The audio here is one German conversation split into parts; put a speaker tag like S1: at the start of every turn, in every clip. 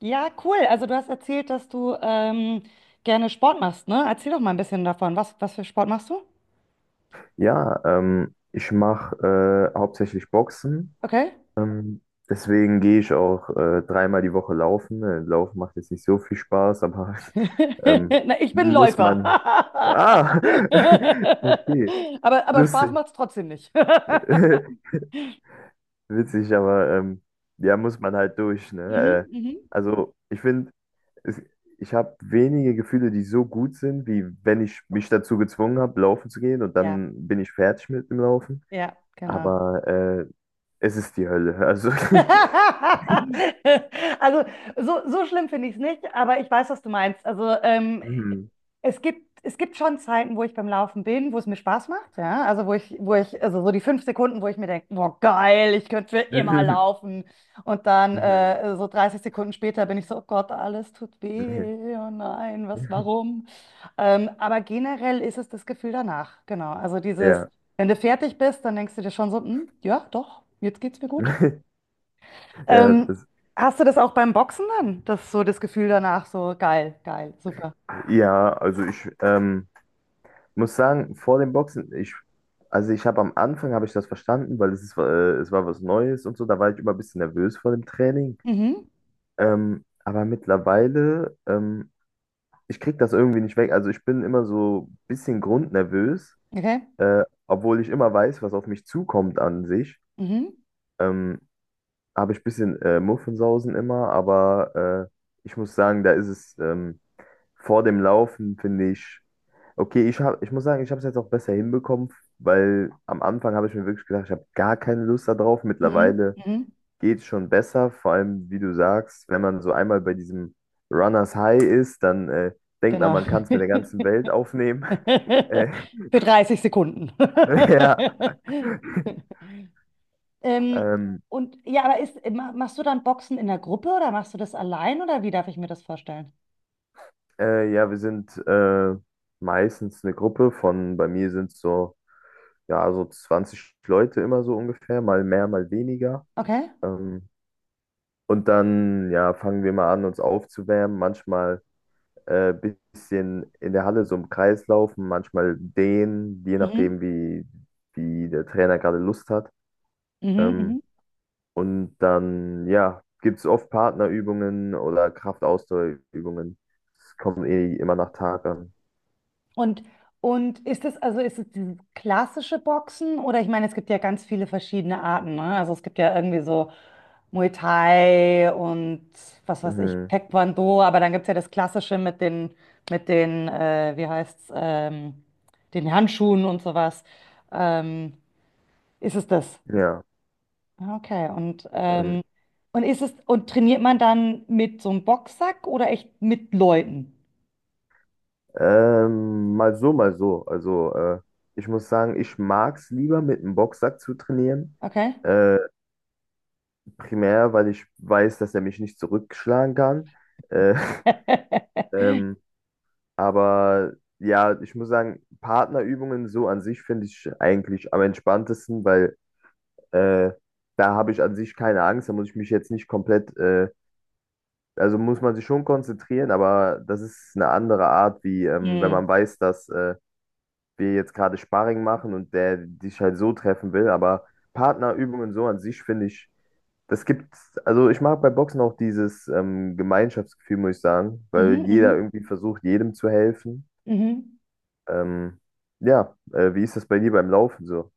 S1: Ja, cool. Also du hast erzählt, dass du gerne Sport machst, ne? Erzähl doch mal ein bisschen davon. Was für Sport machst du?
S2: Ja, ich mache hauptsächlich Boxen.
S1: Okay.
S2: Ähm, deswegen gehe ich auch dreimal die Woche laufen. Laufen macht jetzt nicht so viel Spaß, aber ähm,
S1: Na, ich bin
S2: muss
S1: Läufer.
S2: man. Ah, okay,
S1: Aber Spaß
S2: lustig.
S1: macht's trotzdem nicht.
S2: Witzig, aber ja, muss man halt durch.
S1: Mhm,
S2: Ne? Äh,
S1: mhm.
S2: also, ich finde, es- ich habe wenige Gefühle, die so gut sind, wie wenn ich mich dazu gezwungen habe, laufen zu gehen und
S1: Ja,
S2: dann bin ich fertig mit dem Laufen.
S1: ja, genau.
S2: Aber es ist die Hölle. Also.
S1: Also so, so schlimm finde ich es nicht, aber ich weiß, was du meinst. Also
S2: Mhm.
S1: es gibt schon Zeiten, wo ich beim Laufen bin, wo es mir Spaß macht, ja. Also also so die 5 Sekunden, wo ich mir denke, boah, geil, ich könnte für immer
S2: Mhm.
S1: laufen. Und dann
S2: Mhm.
S1: so 30 Sekunden später bin ich so, oh Gott, alles tut
S2: Mhm.
S1: weh, oh nein, was, warum? Aber generell ist es das Gefühl danach, genau. Also dieses,
S2: Ja.
S1: wenn du fertig bist, dann denkst du dir schon so, hm, ja, doch, jetzt geht's mir gut.
S2: Ja,
S1: Ähm, Hast du das auch beim Boxen dann? Das so das Gefühl danach, so geil, geil, super.
S2: ja, also ich muss sagen, vor dem Boxen, also ich habe am Anfang habe ich das verstanden, weil es war was Neues und so, da war ich immer ein bisschen nervös vor dem Training.
S1: Mhm.
S2: Aber mittlerweile, ich kriege das irgendwie nicht weg. Also ich bin immer so ein bisschen grundnervös,
S1: Okay.
S2: obwohl ich immer weiß, was auf mich zukommt an sich.
S1: Mhm.
S2: Ähm, habe ich ein bisschen Muffensausen immer, aber ich muss sagen, da ist es vor dem Laufen, finde ich, okay, ich muss sagen, ich habe es jetzt auch besser hinbekommen, weil am Anfang habe ich mir wirklich gedacht, ich habe gar keine Lust da drauf.
S1: Mhm,
S2: Mittlerweile
S1: mhm,
S2: geht es schon besser, vor allem, wie du sagst, wenn man so einmal bei diesem Runners High ist, dann denkt man,
S1: genau.
S2: man kann es mit der ganzen Welt aufnehmen. Äh,
S1: Für 30 Sekunden.
S2: ja.
S1: Ähm,
S2: Ähm,
S1: und ja, aber machst du dann Boxen in der Gruppe oder machst du das allein oder wie darf ich mir das vorstellen?
S2: ja, wir sind meistens eine Gruppe von, bei mir sind es so ja, so 20 Leute immer so ungefähr, mal mehr, mal weniger.
S1: Okay.
S2: Ähm, und dann, ja, fangen wir mal an, uns aufzuwärmen. Manchmal bisschen in der Halle so im Kreis laufen, manchmal dehnen je
S1: Mhm.
S2: nachdem, wie der Trainer gerade Lust hat.
S1: Mhm,
S2: Ähm,
S1: mhm.
S2: und dann, ja, gibt es oft Partnerübungen oder Kraftausdauerübungen. Es kommt eh immer nach Tag an.
S1: Und, und ist es dieses klassische Boxen oder ich meine, es gibt ja ganz viele verschiedene Arten, ne? Also es gibt ja irgendwie so Muay Thai und was weiß ich,
S2: Mhm.
S1: Taekwondo, aber dann gibt es ja das klassische mit den, wie heißt's, den Handschuhen und sowas. Ähm, Ist es das?
S2: Ja.
S1: Ah, okay. Und,
S2: ähm.
S1: ähm, und ist es, und trainiert man dann mit so einem Boxsack oder echt mit Leuten?
S2: Mal so, mal so. Also, ich muss sagen, ich mag es lieber, mit einem Boxsack zu trainieren.
S1: Okay.
S2: Äh, primär, weil ich weiß, dass er mich nicht zurückschlagen kann. Äh, ähm, aber ja, ich muss sagen, Partnerübungen so an sich finde ich eigentlich am entspanntesten, weil äh, da habe ich an sich keine Angst. Da muss ich mich jetzt nicht komplett, also muss man sich schon konzentrieren, aber das ist eine andere Art, wie wenn
S1: Hm.
S2: man weiß, dass. Wir jetzt gerade Sparring machen und der dich halt so treffen will. Aber Partnerübungen so an sich finde ich, das gibt, also ich mag bei Boxen auch dieses Gemeinschaftsgefühl, muss ich sagen,
S1: Mhm,
S2: weil jeder
S1: mhm,
S2: irgendwie versucht, jedem zu helfen.
S1: mhm.
S2: Ähm, ja, wie ist das bei dir beim Laufen so?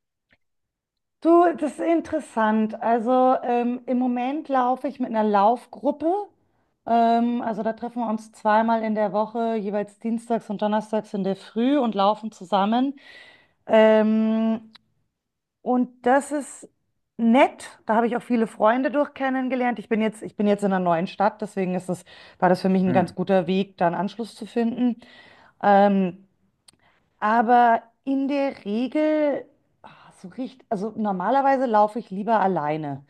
S1: Du, das ist interessant. Also im Moment laufe ich mit einer Laufgruppe. Also da treffen wir uns zweimal in der Woche, jeweils dienstags und donnerstags in der Früh und laufen zusammen. Ähm, und das ist nett. Da habe ich auch viele Freunde durch kennengelernt. Ich bin jetzt in einer neuen Stadt, deswegen war das für mich ein
S2: Hm.
S1: ganz guter Weg, da einen Anschluss zu finden. Ähm, Aber in der Regel, ah, so richtig, also normalerweise laufe ich lieber alleine.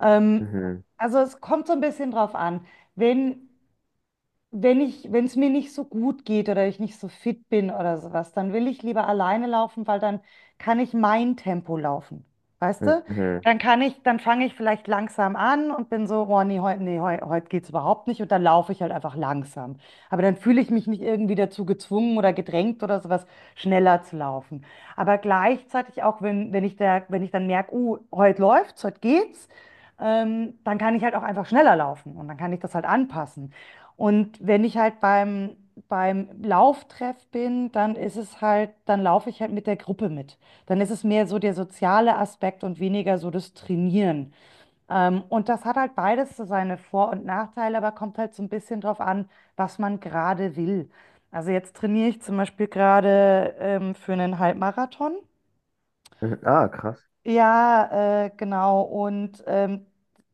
S1: Ähm,
S2: Mhm.
S1: also es kommt so ein bisschen drauf an. Wenn wenn es mir nicht so gut geht oder ich nicht so fit bin oder sowas, dann will ich lieber alleine laufen, weil dann kann ich mein Tempo laufen. Weißt du?
S2: Mhm.
S1: Dann fange ich vielleicht langsam an und bin so, oh nee, heute nee, heute geht's überhaupt nicht und dann laufe ich halt einfach langsam. Aber dann fühle ich mich nicht irgendwie dazu gezwungen oder gedrängt oder sowas, schneller zu laufen. Aber gleichzeitig auch, wenn ich dann merke, oh, heute läuft's, heute geht's, dann kann ich halt auch einfach schneller laufen und dann kann ich das halt anpassen. Und wenn ich halt beim Lauftreff bin, dann ist es halt, dann laufe ich halt mit der Gruppe mit. Dann ist es mehr so der soziale Aspekt und weniger so das Trainieren. Und das hat halt beides so seine Vor- und Nachteile, aber kommt halt so ein bisschen drauf an, was man gerade will. Also jetzt trainiere ich zum Beispiel gerade für einen Halbmarathon.
S2: Mhm. Ah, krass.
S1: Ja, genau. Und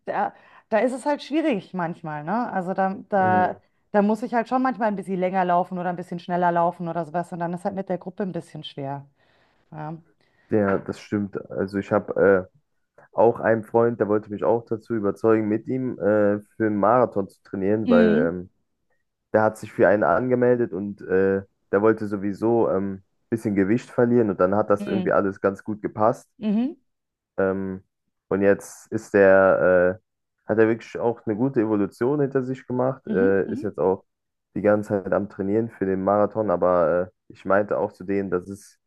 S1: da, da ist es halt schwierig manchmal, ne? Also da, da,
S2: Mhm.
S1: da muss ich halt schon manchmal ein bisschen länger laufen oder ein bisschen schneller laufen oder sowas. Und dann ist halt mit der Gruppe ein bisschen schwer. Ja.
S2: Ja, das stimmt. Also ich habe auch einen Freund, der wollte mich auch dazu überzeugen, mit ihm für einen Marathon zu trainieren, weil
S1: Mhm.
S2: der hat sich für einen angemeldet und der wollte sowieso ein bisschen Gewicht verlieren und dann hat das
S1: Mhm.
S2: irgendwie alles ganz gut gepasst.
S1: Mhm.
S2: Ähm, und jetzt hat er wirklich auch eine gute Evolution hinter sich gemacht,
S1: Mhm.
S2: ist
S1: Mhm.
S2: jetzt auch die ganze Zeit am Trainieren für den Marathon, aber ich meinte auch zu denen, das ist,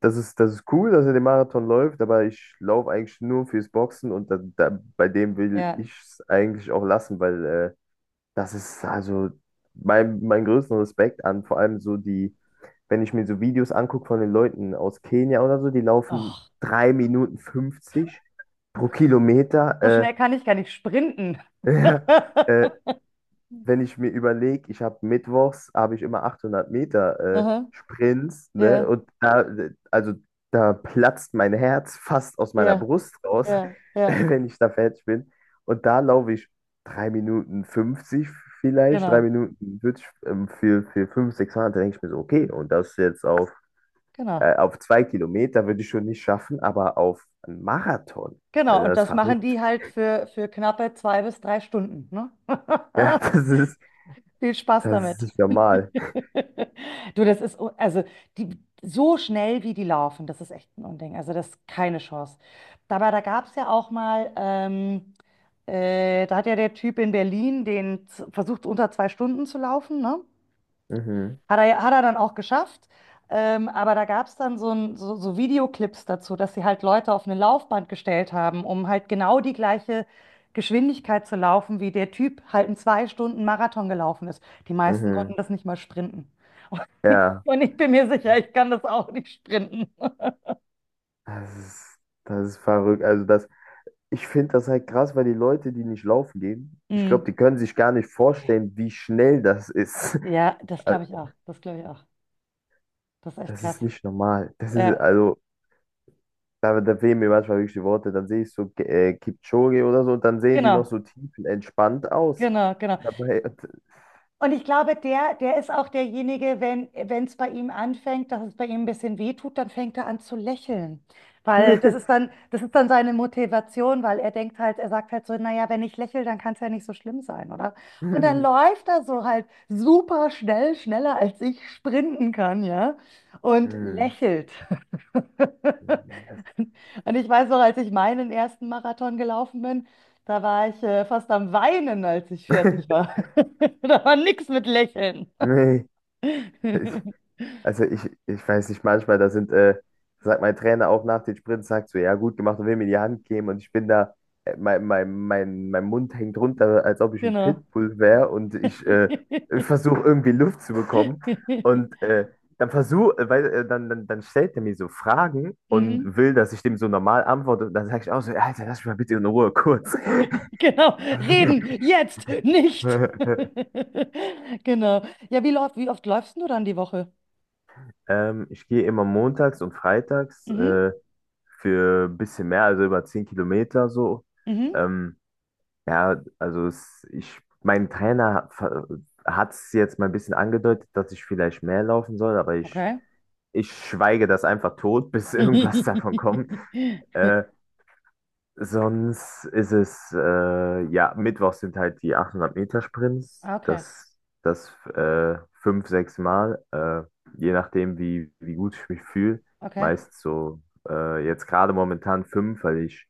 S2: das ist, das ist cool, dass er den Marathon läuft, aber ich laufe eigentlich nur fürs Boxen und bei dem will
S1: Ja.
S2: ich es eigentlich auch lassen, weil das ist also mein größten Respekt an, vor allem so die, wenn ich mir so Videos angucke von den Leuten aus Kenia oder so, die laufen
S1: Och,
S2: 3 Minuten 50 pro
S1: so
S2: Kilometer.
S1: schnell kann ich gar nicht sprinten.
S2: Äh, äh, wenn ich mir überlege, ich habe mittwochs, habe ich immer 800 Meter
S1: Aha.
S2: Sprints, ne?
S1: Ja,
S2: Und da, also da platzt mein Herz fast aus meiner
S1: ja,
S2: Brust raus,
S1: ja, ja.
S2: wenn ich da fertig bin. Und da laufe ich 3 Minuten 50 vielleicht, 3
S1: Genau,
S2: Minuten 40, für 500, 600, da denke ich mir so, okay, und das jetzt
S1: genau.
S2: auf 2 Kilometer würde ich schon nicht schaffen, aber auf einen Marathon,
S1: Genau.
S2: also
S1: Und
S2: das ist
S1: das machen
S2: verrückt.
S1: die halt für knappe 2 bis 3 Stunden, ne?
S2: Ja,
S1: Viel Spaß
S2: das ist
S1: damit.
S2: nicht normal.
S1: Du, das ist, also die, so schnell wie die laufen, das ist echt ein Unding. Also das ist keine Chance. Dabei, da gab es ja auch mal, da hat ja der Typ in Berlin versucht, unter 2 Stunden zu laufen, ne?
S2: Mhm,
S1: Hat er dann auch geschafft. Aber da gab es dann so Videoclips dazu, dass sie halt Leute auf eine Laufband gestellt haben, um halt genau die gleiche Geschwindigkeit zu laufen, wie der Typ halt in 2 Stunden Marathon gelaufen ist. Die meisten konnten
S2: mhm.
S1: das nicht mal sprinten.
S2: Ja.
S1: Und ich bin mir sicher, ich kann das auch nicht sprinten.
S2: Das ist, Das ist verrückt. Also ich finde das halt krass, weil die Leute, die nicht laufen gehen, ich
S1: Hm.
S2: glaube, die können sich gar nicht
S1: Nee.
S2: vorstellen, wie schnell das ist.
S1: Ja, das
S2: Also,
S1: glaube ich auch. Das glaube ich auch. Das ist echt
S2: das
S1: krass.
S2: ist nicht normal.
S1: Ja,
S2: Da fehlen mir manchmal wirklich die Worte. Dann sehe ich so Kipchoge oder so und dann sehen die noch
S1: genau,
S2: so tiefenentspannt aus.
S1: genau, genau.
S2: Dabei.
S1: Und ich glaube, der ist auch derjenige, wenn es bei ihm anfängt, dass es bei ihm ein bisschen weh tut, dann fängt er an zu lächeln. Weil das ist dann, das ist dann seine Motivation, weil er denkt halt, er sagt halt so, naja, wenn ich lächle, dann kann es ja nicht so schlimm sein, oder? Und dann läuft er so halt super schnell, schneller als ich sprinten kann, ja? Und
S2: Hm.
S1: lächelt.
S2: Nee,
S1: Und ich weiß noch, als ich meinen ersten Marathon gelaufen bin, da war ich fast am Weinen, als ich fertig war. Da war nix mit Lächeln.
S2: nee. Also ich weiß nicht, manchmal, sagt mein Trainer auch nach den Sprints, sagt so, ja, gut gemacht und will mir die Hand geben und ich bin da, mein Mund hängt runter, als ob ich ein
S1: Genau.
S2: Pitbull wäre und ich versuche irgendwie Luft zu bekommen und dann stellt er mir so Fragen
S1: Mhm.
S2: und will, dass ich dem so normal antworte und dann sage ich auch so, Alter, lass mich mal bitte in Ruhe, kurz.
S1: Genau. Reden, jetzt, nicht. Genau. Ja, wie oft läufst du dann die Woche?
S2: Ich gehe immer montags und freitags.
S1: Mhm.
S2: Für ein bisschen mehr, also über 10 Kilometer so.
S1: Mhm.
S2: Ähm, ja, also mein Trainer hat es jetzt mal ein bisschen angedeutet, dass ich vielleicht mehr laufen soll, aber
S1: Okay.
S2: ich schweige das einfach tot, bis irgendwas davon kommt. Äh, Sonst ist es, ja, mittwochs sind halt die 800 Meter Sprints
S1: Okay,
S2: das fünf, sechs Mal, je nachdem, wie gut ich mich fühle.
S1: okay.
S2: Meist so, jetzt gerade momentan fünf, weil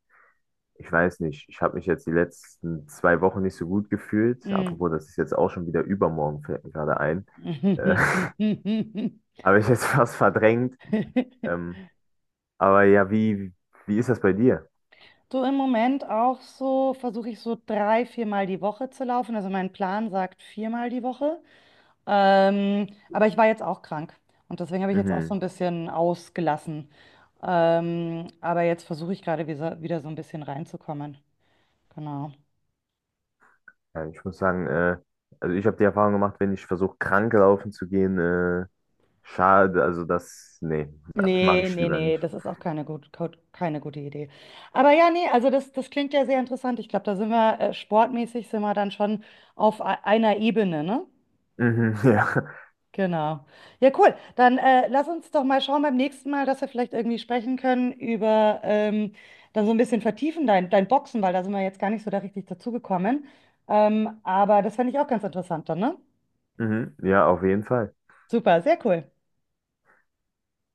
S2: ich weiß nicht, ich habe mich jetzt die letzten 2 Wochen nicht so gut gefühlt.
S1: Mm.
S2: Apropos, das ist jetzt auch schon wieder übermorgen, fällt mir gerade ein. Äh, Habe ich jetzt fast verdrängt. Ähm, aber ja, wie ist das bei dir?
S1: Du im Moment auch so, versuche ich so drei, viermal die Woche zu laufen. Also mein Plan sagt viermal die Woche. Aber ich war jetzt auch krank und deswegen habe ich jetzt auch so
S2: Mhm.
S1: ein bisschen ausgelassen. Aber jetzt versuche ich gerade wieder so ein bisschen reinzukommen. Genau.
S2: Ja, ich muss sagen, also ich habe die Erfahrung gemacht, wenn ich versuche, krank laufen zu gehen, schade, nee, mache
S1: Nee,
S2: ich
S1: nee,
S2: lieber
S1: nee,
S2: nicht.
S1: das ist auch keine gute Idee. Aber ja, nee, also das klingt ja sehr interessant. Ich glaube, da sind wir sportmäßig sind wir dann schon auf einer Ebene, ne?
S2: Mhm, ja.
S1: Genau. Ja, cool. Dann lass uns doch mal schauen beim nächsten Mal, dass wir vielleicht irgendwie sprechen können über dann so ein bisschen vertiefen dein Boxen, weil da sind wir jetzt gar nicht so da richtig dazugekommen. Aber das fände ich auch ganz interessant dann, ne?
S2: Mhm, ja, auf jeden Fall.
S1: Super, sehr cool.